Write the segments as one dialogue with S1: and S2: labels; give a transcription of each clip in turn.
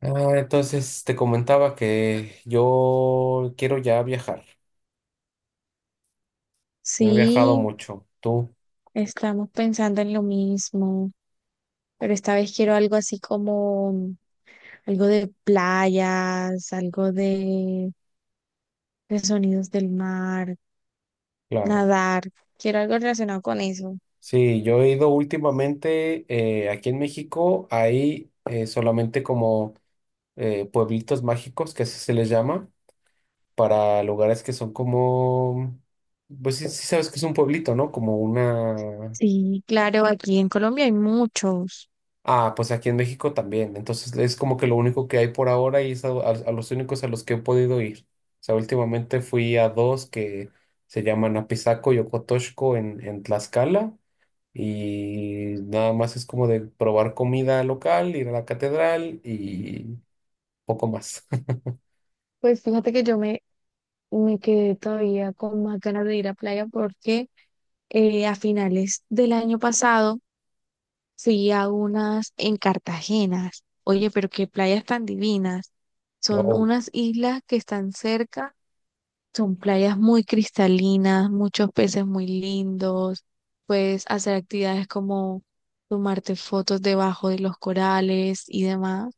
S1: Ah, entonces te comentaba que yo quiero ya viajar. No he viajado
S2: Sí,
S1: mucho. Tú,
S2: estamos pensando en lo mismo, pero esta vez quiero algo así como algo de playas, algo de sonidos del mar,
S1: claro.
S2: nadar. Quiero algo relacionado con eso.
S1: Sí, yo he ido últimamente aquí en México. Hay solamente como pueblitos mágicos, que así se les llama, para lugares que son como, pues sí, sí sabes que es un pueblito, ¿no? Como una.
S2: Sí, claro, aquí en Colombia hay muchos.
S1: Ah, pues aquí en México también. Entonces es como que lo único que hay por ahora y es a los únicos a los que he podido ir. O sea, últimamente fui a dos que se llaman Apizaco y Ocotoxco en Tlaxcala y nada más es como de probar comida local, ir a la catedral y poco más.
S2: Pues fíjate que yo me quedé todavía con más ganas de ir a playa porque a finales del año pasado fui a unas en Cartagena. Oye, pero qué playas tan divinas. Son
S1: No,
S2: unas islas que están cerca, son playas muy cristalinas, muchos peces muy lindos. Puedes hacer actividades como tomarte fotos debajo de los corales y demás.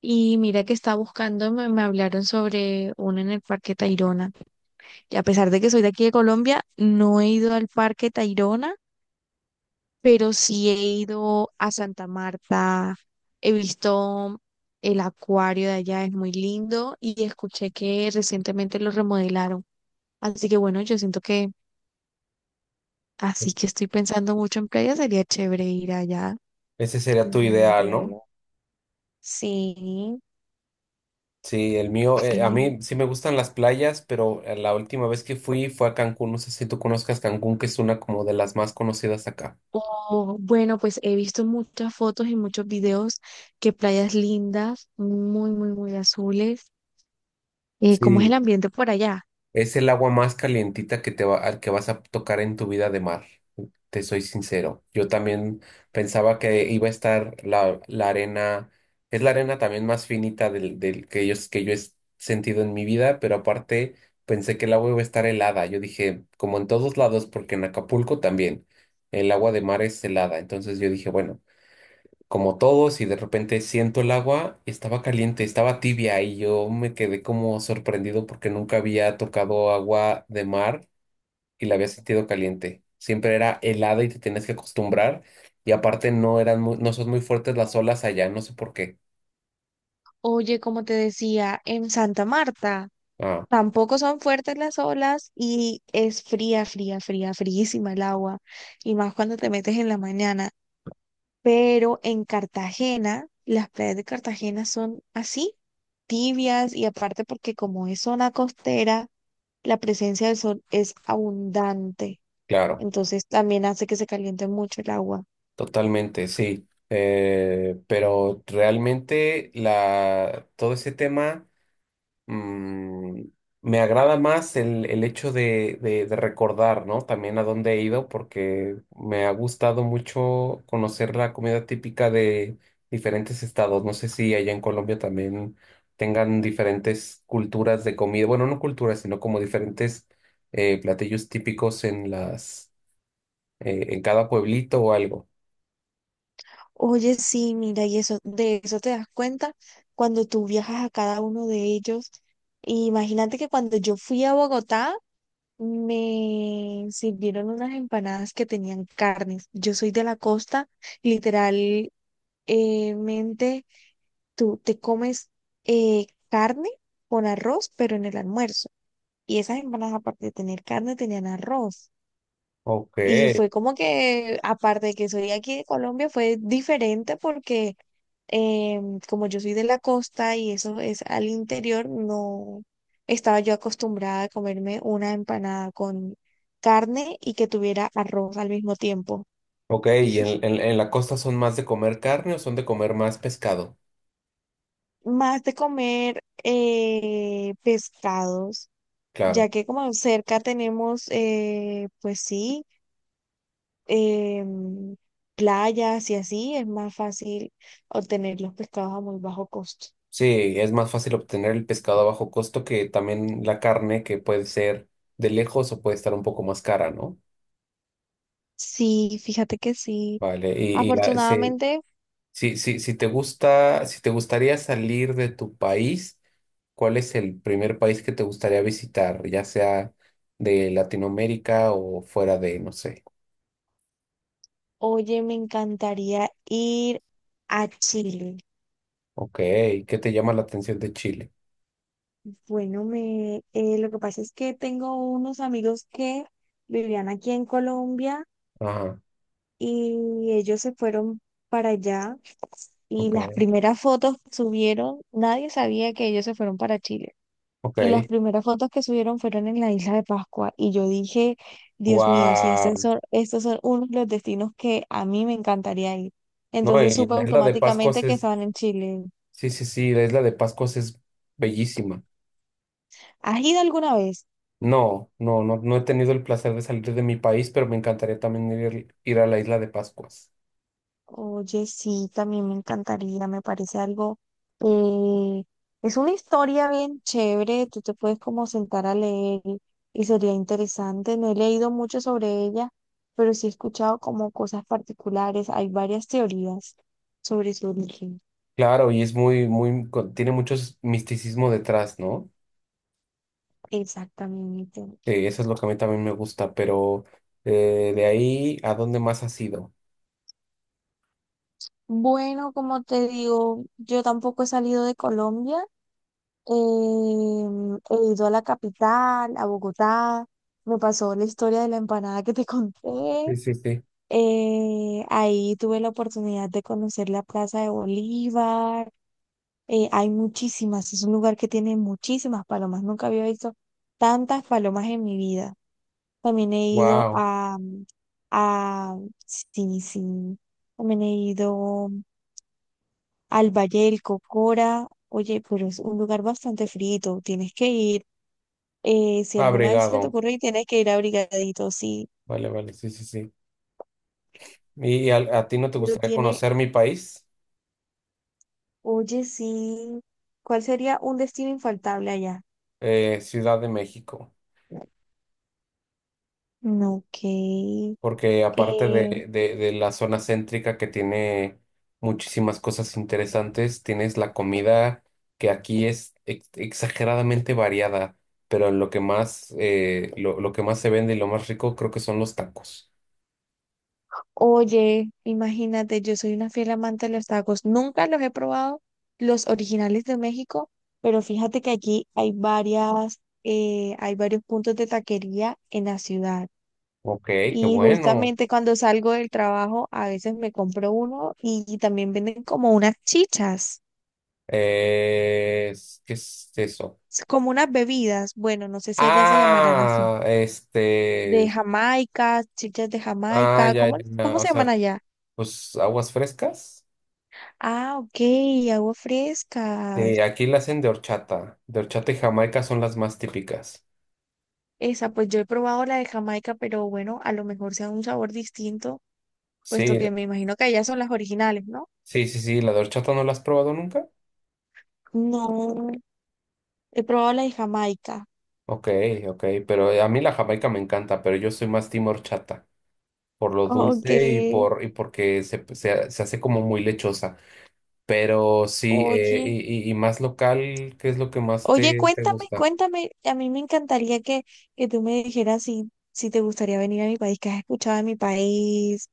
S2: Y mira que estaba buscando, me hablaron sobre una en el Parque Tayrona. Y a pesar de que soy de aquí de Colombia, no he ido al Parque Tayrona, pero sí he ido a Santa Marta, he visto el acuario de allá, es muy lindo y escuché que recientemente lo remodelaron. Así que bueno, yo siento que así que estoy pensando mucho en playa, sería chévere ir allá,
S1: ese sería tu
S2: nuevamente
S1: ideal, ¿no?
S2: verlo. Sí,
S1: Sí, el mío, a
S2: sí.
S1: mí sí me gustan las playas, pero la última vez que fui fue a Cancún. No sé si tú conozcas Cancún, que es una como de las más conocidas acá.
S2: O, bueno, pues he visto muchas fotos y muchos videos que playas lindas, muy, muy, muy azules. ¿Cómo es el
S1: Sí,
S2: ambiente por allá?
S1: es el agua más calientita que te va, al que vas a tocar en tu vida de mar. Te soy sincero. Yo también pensaba que iba a estar la arena, es la arena también más finita del que yo he sentido en mi vida, pero aparte pensé que el agua iba a estar helada. Yo dije, como en todos lados, porque en Acapulco también, el agua de mar es helada. Entonces yo dije, bueno, como todos y de repente siento el agua, estaba caliente, estaba tibia y yo me quedé como sorprendido porque nunca había tocado agua de mar y la había sentido caliente. Siempre era helada y te tenías que acostumbrar y aparte no son muy fuertes las olas allá, no sé por qué.
S2: Oye, como te decía, en Santa Marta
S1: Ah,
S2: tampoco son fuertes las olas y es fría, fría, fría, fríísima el agua, y más cuando te metes en la mañana. Pero en Cartagena, las playas de Cartagena son así, tibias, y aparte porque como es zona costera, la presencia del sol es abundante,
S1: claro,
S2: entonces también hace que se caliente mucho el agua.
S1: totalmente, sí. Pero realmente la, todo ese tema mm, me agrada más el hecho de recordar, ¿no? También a dónde he ido, porque me ha gustado mucho conocer la comida típica de diferentes estados. No sé si allá en Colombia también tengan diferentes culturas de comida, bueno, no culturas, sino como diferentes platillos típicos en las, en cada pueblito o algo.
S2: Oye, sí, mira, y eso, de eso te das cuenta cuando tú viajas a cada uno de ellos. Y imagínate que cuando yo fui a Bogotá, me sirvieron unas empanadas que tenían carnes. Yo soy de la costa, literalmente tú te comes carne con arroz, pero en el almuerzo. Y esas empanadas, aparte de tener carne, tenían arroz.
S1: Ok,
S2: Y fue como que, aparte de que soy aquí de Colombia, fue diferente porque como yo soy de la costa y eso es al interior, no estaba yo acostumbrada a comerme una empanada con carne y que tuviera arroz al mismo tiempo.
S1: ok, ¿y en la costa son más de comer carne o son de comer más pescado?
S2: Más de comer pescados,
S1: Claro.
S2: ya que como cerca tenemos, pues sí. em, Playas y así, es más fácil obtener los pescados a muy bajo costo.
S1: Sí, es más fácil obtener el pescado a bajo costo que también la carne, que puede ser de lejos o puede estar un poco más cara, ¿no?
S2: Sí, fíjate que sí.
S1: Vale, sí,
S2: Afortunadamente,
S1: sí, sí, si te gusta, si te gustaría salir de tu país, ¿cuál es el primer país que te gustaría visitar, ya sea de Latinoamérica o fuera de, no sé?
S2: oye, me encantaría ir a Chile.
S1: Ok, ¿qué te llama la atención de Chile?
S2: Bueno, me, lo que pasa es que tengo unos amigos que vivían aquí en Colombia
S1: Ajá,
S2: y ellos se fueron para allá y las
S1: ok,
S2: primeras fotos que subieron, nadie sabía que ellos se fueron para Chile. Y las
S1: ok,
S2: primeras fotos que subieron fueron en la isla de Pascua. Y yo dije, Dios mío, si
S1: wow.
S2: estos son uno de los destinos que a mí me encantaría ir.
S1: No,
S2: Entonces
S1: y
S2: supe
S1: en la isla de Pascua
S2: automáticamente que
S1: es.
S2: estaban en Chile.
S1: Sí, sí, sí, la isla de Pascuas es bellísima.
S2: ¿Has ido alguna vez?
S1: No, no, no, no he tenido el placer de salir de mi país, pero me encantaría también ir, ir a la isla de Pascuas.
S2: Oye, sí, también me encantaría, me parece algo, eh, es una historia bien chévere, tú te puedes como sentar a leer y sería interesante. No he leído mucho sobre ella, pero sí he escuchado como cosas particulares, hay varias teorías sobre su origen.
S1: Claro, y es muy, muy, tiene mucho misticismo detrás, ¿no?
S2: Exactamente.
S1: Que eso es lo que a mí también me gusta, pero de ahí, ¿a dónde más has ido?
S2: Bueno, como te digo, yo tampoco he salido de Colombia, he ido a la capital, a Bogotá, me pasó la historia de la empanada que te conté.
S1: Sí, sí, sí.
S2: Ahí tuve la oportunidad de conocer la Plaza de Bolívar. Hay muchísimas, es un lugar que tiene muchísimas palomas. Nunca había visto tantas palomas en mi vida. También he ido
S1: Wow,
S2: a, mm, a, sí, sí, también he ido al Valle del Cocora. Oye, pero es un lugar bastante frito, tienes que ir. Si alguna vez se te
S1: abrigado.
S2: ocurre, tienes que ir abrigadito, sí.
S1: Vale, vale, sí, sí, sí. ¿Y a ti no te
S2: Pero
S1: gustaría
S2: tiene.
S1: conocer mi país?
S2: Oye, sí. ¿Cuál sería un destino infaltable allá?
S1: Ciudad de México.
S2: No, ok.
S1: Porque aparte
S2: Eh,
S1: de la zona céntrica que tiene muchísimas cosas interesantes, tienes la comida que aquí es exageradamente variada, pero lo que más, lo que más se vende y lo más rico creo que son los tacos.
S2: Oye, imagínate, yo soy una fiel amante de los tacos. Nunca los he probado, los originales de México, pero fíjate que aquí hay varias, hay varios puntos de taquería en la ciudad.
S1: Ok, qué
S2: Y
S1: bueno.
S2: justamente cuando salgo del trabajo, a veces me compro uno y también venden como unas chichas,
S1: ¿Qué es eso?
S2: como unas bebidas. Bueno, no sé si allá se llamarán así.
S1: Ah, este,
S2: De Jamaica, chichas de
S1: ah,
S2: Jamaica,
S1: ya, ya,
S2: ¿cómo,
S1: ya,
S2: cómo
S1: o
S2: se llaman
S1: sea,
S2: allá?
S1: pues aguas frescas.
S2: Ah, ok, agua fresca.
S1: Sí, aquí la hacen de horchata. De horchata y jamaica son las más típicas.
S2: Esa, pues yo he probado la de Jamaica, pero bueno, a lo mejor sea un sabor distinto, puesto
S1: Sí,
S2: que me imagino que allá son las originales, ¿no?
S1: sí, sí, la de horchata no la has probado nunca.
S2: No, he probado la de Jamaica.
S1: Ok, ok, pero a mí la jamaica me encanta, pero yo soy más team horchata, por lo
S2: Ok,
S1: dulce y por y porque se hace como muy lechosa. Pero sí,
S2: oye,
S1: y, y más local, ¿qué es lo que más
S2: oye,
S1: te
S2: cuéntame,
S1: gusta?
S2: cuéntame, a mí me encantaría que tú me dijeras si, si te gustaría venir a mi país, que has escuchado de mi país,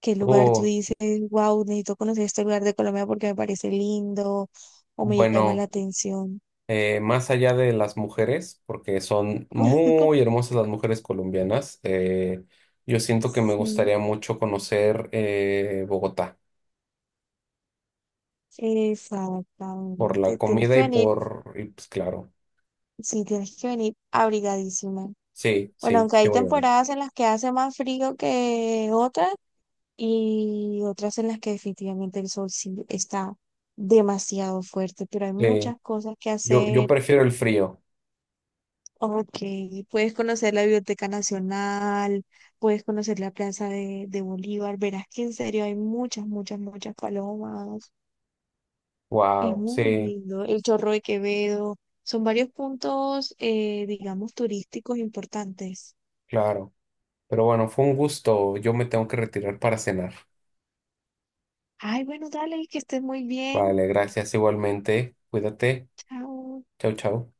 S2: qué lugar tú
S1: Oh,
S2: dices, wow, necesito conocer este lugar de Colombia porque me parece lindo o me llama la
S1: bueno,
S2: atención.
S1: más allá de las mujeres, porque son muy hermosas las mujeres colombianas, yo siento que me
S2: Sí,
S1: gustaría mucho conocer Bogotá. Por la
S2: exactamente. Tienes
S1: comida
S2: que
S1: y
S2: venir,
S1: por, y pues claro,
S2: sí, tienes que venir abrigadísima.
S1: sí,
S2: Bueno,
S1: sí,
S2: aunque
S1: sí
S2: hay
S1: voy a ir.
S2: temporadas en las que hace más frío que otras y otras en las que definitivamente el sol sí está demasiado fuerte, pero hay
S1: Sí,
S2: muchas cosas que
S1: yo
S2: hacer.
S1: prefiero el frío.
S2: Ok, puedes conocer la Biblioteca Nacional, puedes conocer la Plaza de Bolívar, verás que en serio hay muchas, muchas, muchas palomas, es
S1: Wow,
S2: muy
S1: sí,
S2: lindo, el Chorro de Quevedo, son varios puntos, digamos, turísticos importantes.
S1: claro. Pero bueno, fue un gusto. Yo me tengo que retirar para cenar.
S2: Ay, bueno, dale, que estés muy bien,
S1: Vale, gracias igualmente. Cuídate.
S2: chao.
S1: Chau, chau.